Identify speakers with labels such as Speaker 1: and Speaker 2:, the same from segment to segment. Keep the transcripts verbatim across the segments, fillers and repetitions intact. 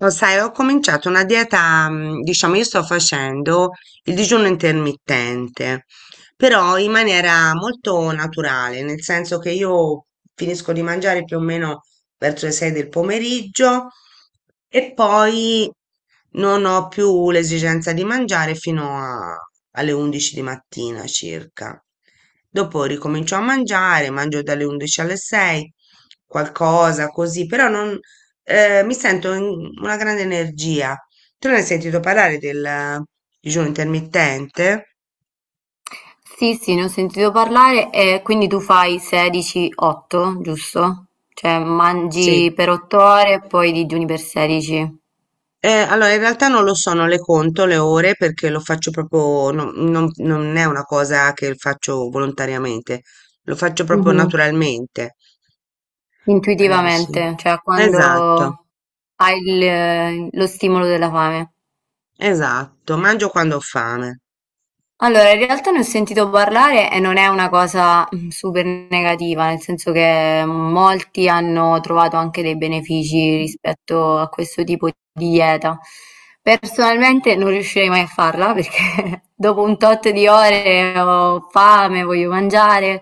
Speaker 1: Lo sai, ho cominciato una dieta, mm, diciamo, io sto facendo il digiuno intermittente, però in maniera molto naturale, nel senso che io finisco di mangiare più o meno verso le sei del pomeriggio e poi non ho più l'esigenza di mangiare fino a- alle undici di mattina circa. Dopo ricomincio a mangiare, mangio dalle undici alle sei, qualcosa così, però non eh, mi sento in- una grande energia. Tu ne hai sentito parlare del digiuno intermittente?
Speaker 2: Sì, sì, ne ho sentito parlare e quindi tu fai sedici otto, giusto? Cioè
Speaker 1: Sì.
Speaker 2: mangi per otto ore e poi digiuni per sedici.
Speaker 1: Eh, allora, in realtà non lo so, non le conto le ore perché lo faccio proprio, no- non, non è una cosa che faccio volontariamente, lo faccio proprio
Speaker 2: Mhm.
Speaker 1: naturalmente. Eh, sì.
Speaker 2: Intuitivamente, cioè
Speaker 1: Esatto,
Speaker 2: quando hai il- lo stimolo della fame.
Speaker 1: esatto, mangio quando ho fame.
Speaker 2: Allora, in realtà ne ho sentito parlare e non è una cosa mm, super negativa, nel senso che molti hanno trovato anche dei benefici rispetto a questo tipo di dieta. Personalmente non riuscirei mai a farla perché dopo un tot di ore ho fame, voglio mangiare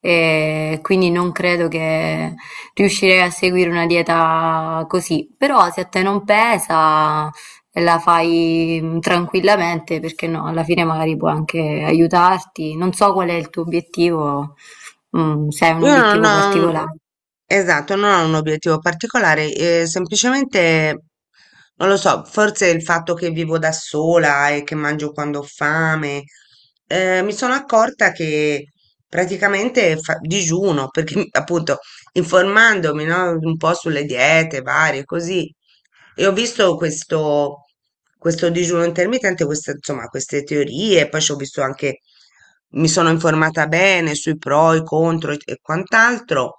Speaker 2: e quindi non credo che riuscirei a seguire una dieta così. Però se a te non pesa, e la fai mm, tranquillamente, perché no, alla fine magari può anche aiutarti. Non so qual è il tuo obiettivo, mm, se hai un
Speaker 1: Io non
Speaker 2: obiettivo
Speaker 1: ho.
Speaker 2: particolare.
Speaker 1: Esatto, non ho un obiettivo particolare, eh, semplicemente non lo so, forse il fatto che vivo da sola e che mangio quando ho fame, eh, mi sono accorta che praticamente fa- digiuno, perché appunto informandomi, no, un po' sulle diete varie, così, e ho visto questo, questo digiuno intermittente, queste, insomma, queste teorie, poi ci ho visto anche, mi sono informata bene sui pro, i contro e e quant'altro,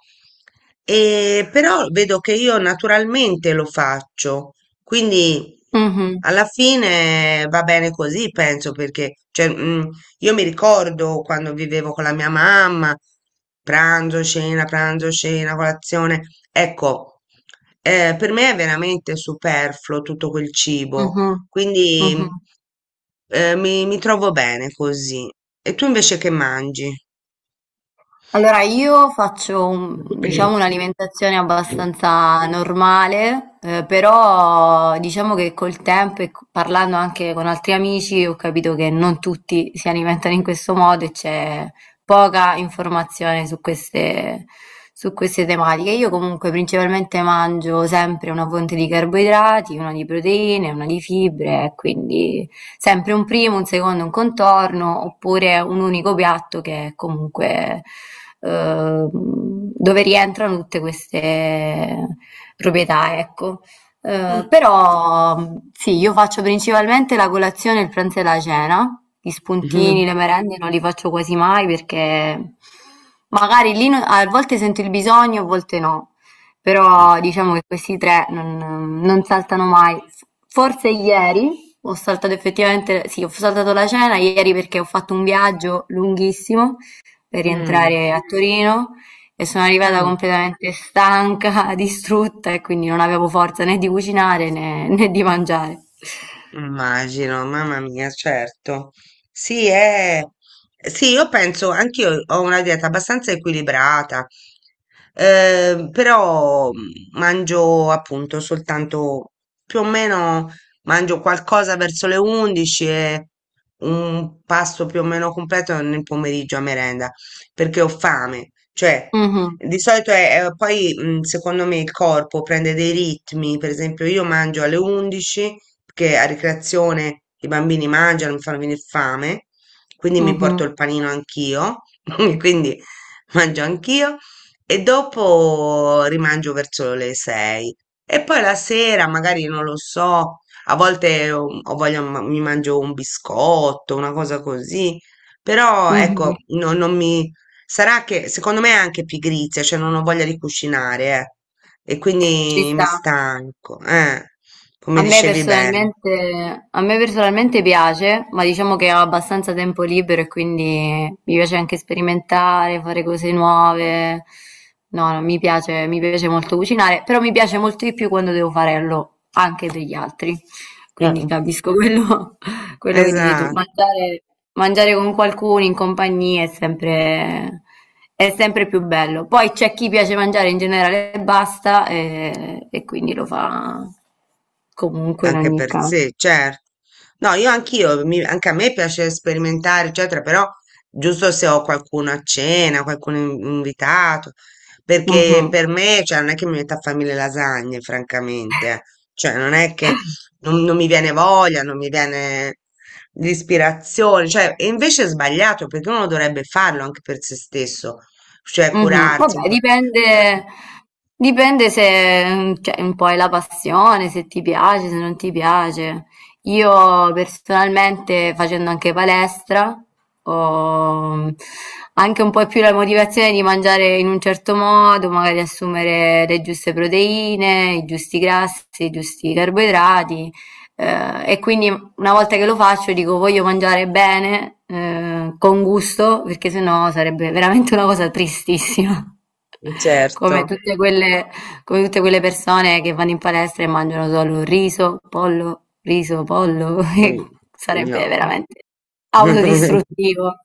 Speaker 1: e però vedo che io naturalmente lo faccio, quindi
Speaker 2: Mhm,
Speaker 1: alla fine va bene così, penso, perché cioè, mm, io mi ricordo quando vivevo con la mia mamma, pranzo, cena, pranzo, cena, colazione. Ecco, eh, per me è veramente superfluo tutto quel cibo,
Speaker 2: mhm, mhm.
Speaker 1: quindi eh, mi, mi trovo bene così. E tu invece che mangi?
Speaker 2: Allora, io faccio, un- diciamo, un'alimentazione abbastanza normale, eh, però diciamo che col tempo e co- parlando anche con altri amici ho capito che non tutti si alimentano in questo modo e c'è poca informazione su queste, su queste tematiche. Io comunque principalmente mangio sempre una fonte di carboidrati, una di proteine, una di fibre, e quindi sempre un primo, un secondo, un contorno, oppure un unico piatto che è comunque eh, dove rientrano tutte queste proprietà, ecco. Eh,
Speaker 1: Mm.
Speaker 2: però mh, sì, io faccio principalmente la colazione, il pranzo e la cena. Gli spuntini,
Speaker 1: Mm.
Speaker 2: le merende non li faccio quasi mai perché magari lì non- a volte sento il bisogno, a volte no. Però diciamo che questi tre non, non saltano mai. Forse ieri ho saltato effettivamente, sì, ho saltato la cena ieri perché ho fatto un viaggio lunghissimo per
Speaker 1: Mm.
Speaker 2: rientrare a Torino e sono arrivata
Speaker 1: Mm.
Speaker 2: completamente stanca, distrutta, e quindi non avevo forza né di cucinare né, né di mangiare.
Speaker 1: Immagino, mamma mia, certo. Sì, è... sì, io penso, anch'io ho una dieta abbastanza equilibrata, eh, però mm, mangio appunto soltanto più o meno mangio qualcosa verso le undici e un pasto più o meno completo nel pomeriggio a merenda, perché ho fame, cioè
Speaker 2: Mhm,
Speaker 1: di solito è, è- poi mm, secondo me il corpo prende dei ritmi, per esempio io mangio alle undici perché a ricreazione i bambini mangiano, mi fanno venire fame, quindi mi porto
Speaker 2: mhm,
Speaker 1: il panino anch'io, quindi mangio anch'io e dopo rimangio verso le sei e poi la sera magari non lo so, a volte um, ho voglia, ma- mi mangio un biscotto, una cosa così, però ecco,
Speaker 2: mhm.
Speaker 1: no- non mi... Sarà che secondo me è anche pigrizia, cioè non ho voglia di cucinare, eh, e
Speaker 2: Ci
Speaker 1: quindi mi
Speaker 2: sta.
Speaker 1: stanco, eh. Come
Speaker 2: A me
Speaker 1: dicevi bene.
Speaker 2: personalmente, a me personalmente piace, ma diciamo che ho abbastanza tempo libero e quindi mi piace anche sperimentare, fare cose nuove. No, no, mi piace, mi piace molto cucinare, però mi piace molto di più quando devo farlo anche per gli altri. Quindi
Speaker 1: Eh,
Speaker 2: capisco quello. Quello che dici tu,
Speaker 1: Esatto,
Speaker 2: mangiare, mangiare con qualcuno in compagnia è sempre, è sempre più bello. Poi c'è chi piace mangiare in generale e basta, e, e quindi lo fa comunque in
Speaker 1: anche
Speaker 2: ogni
Speaker 1: per
Speaker 2: caso.
Speaker 1: sé, certo. No, io anch'io, mi- anche a me piace sperimentare, eccetera, però giusto se ho qualcuno a cena, qualcuno in- invitato, perché
Speaker 2: Mhm.
Speaker 1: per me, cioè, non è che mi metta a fare mille lasagne, francamente, eh. Cioè, non è che non, non mi viene voglia, non mi viene l'ispirazione, cioè, e invece è sbagliato, perché uno dovrebbe farlo anche per se stesso, cioè
Speaker 2: Mh-mh.
Speaker 1: curarsi un
Speaker 2: Vabbè,
Speaker 1: po'. Però-
Speaker 2: dipende dipende se, mhmm, cioè un po' è la passione, se ti piace, se non ti piace. Io personalmente, facendo anche palestra, ho anche un po' più la motivazione di mangiare in un certo modo, magari assumere le giuste proteine, i giusti grassi, i giusti carboidrati, ehm, e quindi una volta che lo faccio dico voglio mangiare bene, eh, con gusto, perché sennò sarebbe veramente una cosa tristissima. Come
Speaker 1: Certo.
Speaker 2: tutte quelle, come tutte quelle persone che vanno in palestra e mangiano solo riso, pollo, riso, pollo, e
Speaker 1: Mh,
Speaker 2: sarebbe
Speaker 1: no.
Speaker 2: veramente autodistruttivo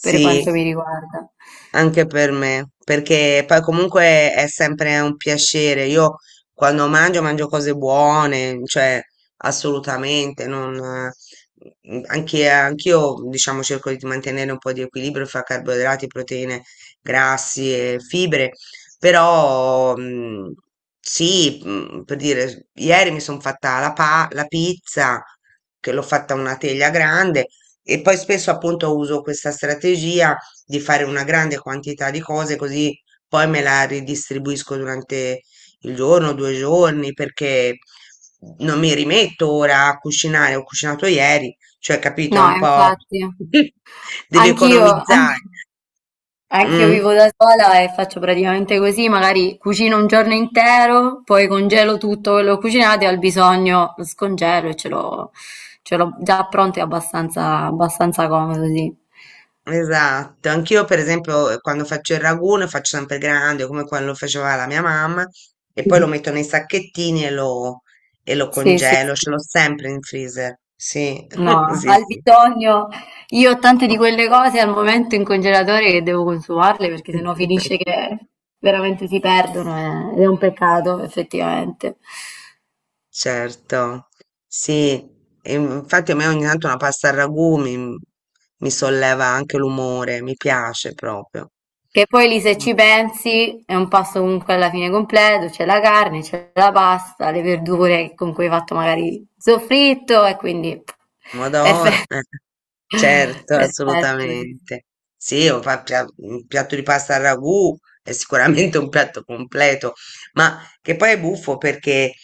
Speaker 2: per quanto mi riguarda.
Speaker 1: Anche per me, perché poi comunque è sempre un piacere. Io quando mangio, mangio cose buone, cioè assolutamente, non, eh, anche, anch'io diciamo cerco di mantenere un po' di equilibrio fra carboidrati, proteine, grassi e fibre, però mm, sì, mm, per dire, ieri mi sono fatta la, pa- la pizza, che l'ho fatta una teglia grande, e poi spesso appunto uso questa strategia di fare una grande quantità di cose così poi me la ridistribuisco durante il giorno, due giorni, perché non mi rimetto ora a cucinare, ho cucinato ieri, cioè capito, è
Speaker 2: No,
Speaker 1: un po'
Speaker 2: infatti,
Speaker 1: devi
Speaker 2: anch'io, an-
Speaker 1: economizzare.
Speaker 2: anch'io
Speaker 1: Mm,
Speaker 2: vivo da sola e faccio praticamente così, magari cucino un giorno intero, poi congelo tutto quello che ho cucinato e al bisogno lo scongelo e ce l'ho ce l'ho già pronto e abbastanza, abbastanza comodo, sì.
Speaker 1: esatto, anch'io per esempio eh, quando faccio il ragù ne faccio sempre grande come quello faceva la mia mamma e poi lo metto nei sacchettini e lo, e lo
Speaker 2: Sì, sì,
Speaker 1: congelo,
Speaker 2: sì.
Speaker 1: ce l'ho sempre in freezer. Sì,
Speaker 2: No,
Speaker 1: sì,
Speaker 2: al
Speaker 1: sì.
Speaker 2: bisogno io ho tante di quelle cose al momento in congelatore che devo consumarle perché sennò finisce che veramente si perdono, eh, ed è un peccato effettivamente.
Speaker 1: Certo, sì, e infatti a me ogni tanto una pasta al ragù mi, mi solleva anche l'umore, mi piace proprio.
Speaker 2: Che poi lì, se
Speaker 1: Mm,
Speaker 2: ci pensi, è un pasto comunque alla fine completo, c'è la carne, c'è la pasta, le verdure con cui hai fatto magari il soffritto, e quindi
Speaker 1: Pomodoro,
Speaker 2: perfetto,
Speaker 1: eh. Certo,
Speaker 2: perfetto, sì.
Speaker 1: assolutamente. Sì, o fa- pia- un piatto di pasta al ragù è sicuramente un piatto completo, ma che poi è buffo perché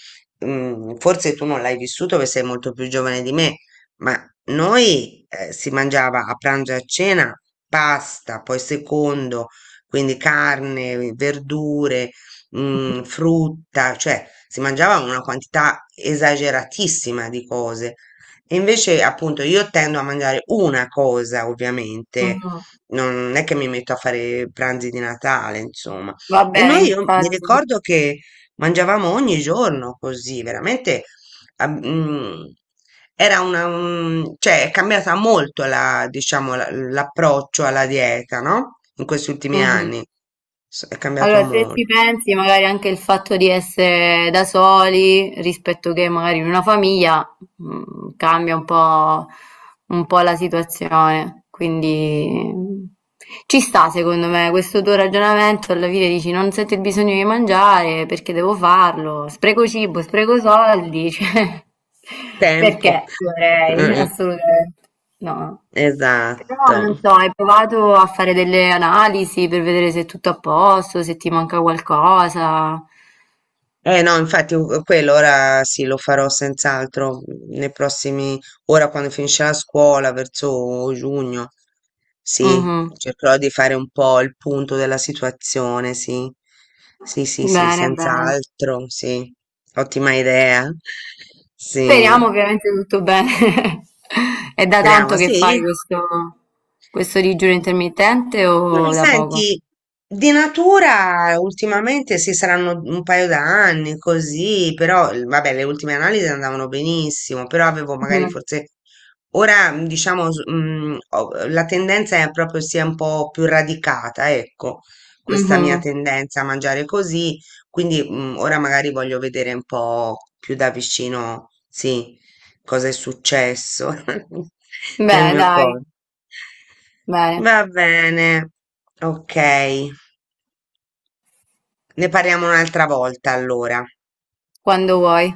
Speaker 1: mm, forse tu non l'hai vissuto perché sei molto più giovane di me, ma noi eh, si mangiava a pranzo e a cena pasta, poi secondo, quindi carne, verdure, mm, frutta, cioè si mangiava una quantità esageratissima di cose. E invece, appunto, io tendo a mangiare una cosa, ovviamente,
Speaker 2: Mhm.
Speaker 1: non è che mi metto a fare pranzi di Natale, insomma. E
Speaker 2: Vabbè,
Speaker 1: noi, io mi
Speaker 2: infatti.
Speaker 1: ricordo che mangiavamo ogni giorno così, veramente, ah, mm, era una, un- cioè, è cambiata molto la, diciamo, la- l'approccio alla dieta, no? In questi ultimi
Speaker 2: Mhm.
Speaker 1: anni. S- È cambiato
Speaker 2: Allora, se
Speaker 1: molto.
Speaker 2: ci pensi, magari anche il fatto di essere da soli rispetto che magari in una famiglia mhmm, cambia un po' un po' la situazione, quindi mm, ci sta secondo me questo tuo ragionamento, alla fine dici non sento il bisogno di mangiare perché devo farlo, spreco cibo, spreco soldi, cioè
Speaker 1: Tempo.
Speaker 2: perché dovrei?
Speaker 1: Eh,
Speaker 2: Assolutamente no. Però
Speaker 1: esatto.
Speaker 2: non so, hai provato a fare delle analisi per vedere se è tutto a posto, se ti manca qualcosa?
Speaker 1: Eh no, infatti u- quello ora sì, lo farò senz'altro mm, nei prossimi, ora quando finisce la scuola, verso giugno, sì,
Speaker 2: Mh-mh.
Speaker 1: cercherò di fare un po' il punto della situazione, sì, sì, sì, sì,
Speaker 2: Bene, bene.
Speaker 1: senz'altro, sì, ottima idea, sì,
Speaker 2: Speriamo ovviamente tutto bene. È da
Speaker 1: speriamo,
Speaker 2: tanto che fai
Speaker 1: sì.
Speaker 2: questo, questo digiuno intermittente
Speaker 1: Mm,
Speaker 2: o da poco?
Speaker 1: Senti, di natura ultimamente sì, saranno un paio d'anni così, però eh, vabbè, le ultime analisi andavano benissimo, però avevo magari
Speaker 2: Mhm,
Speaker 1: forse ora mm, diciamo s- mm, ho- la tendenza è proprio sia un po' più radicata, ecco, questa mia
Speaker 2: mhm.
Speaker 1: tendenza a mangiare così, quindi mm, ora magari voglio vedere un po' più da vicino, sì, cosa è successo nel
Speaker 2: Beh,
Speaker 1: mio
Speaker 2: dai,
Speaker 1: corpo.
Speaker 2: bene,
Speaker 1: Va bene, ok. Ne parliamo un'altra volta allora.
Speaker 2: quando vuoi.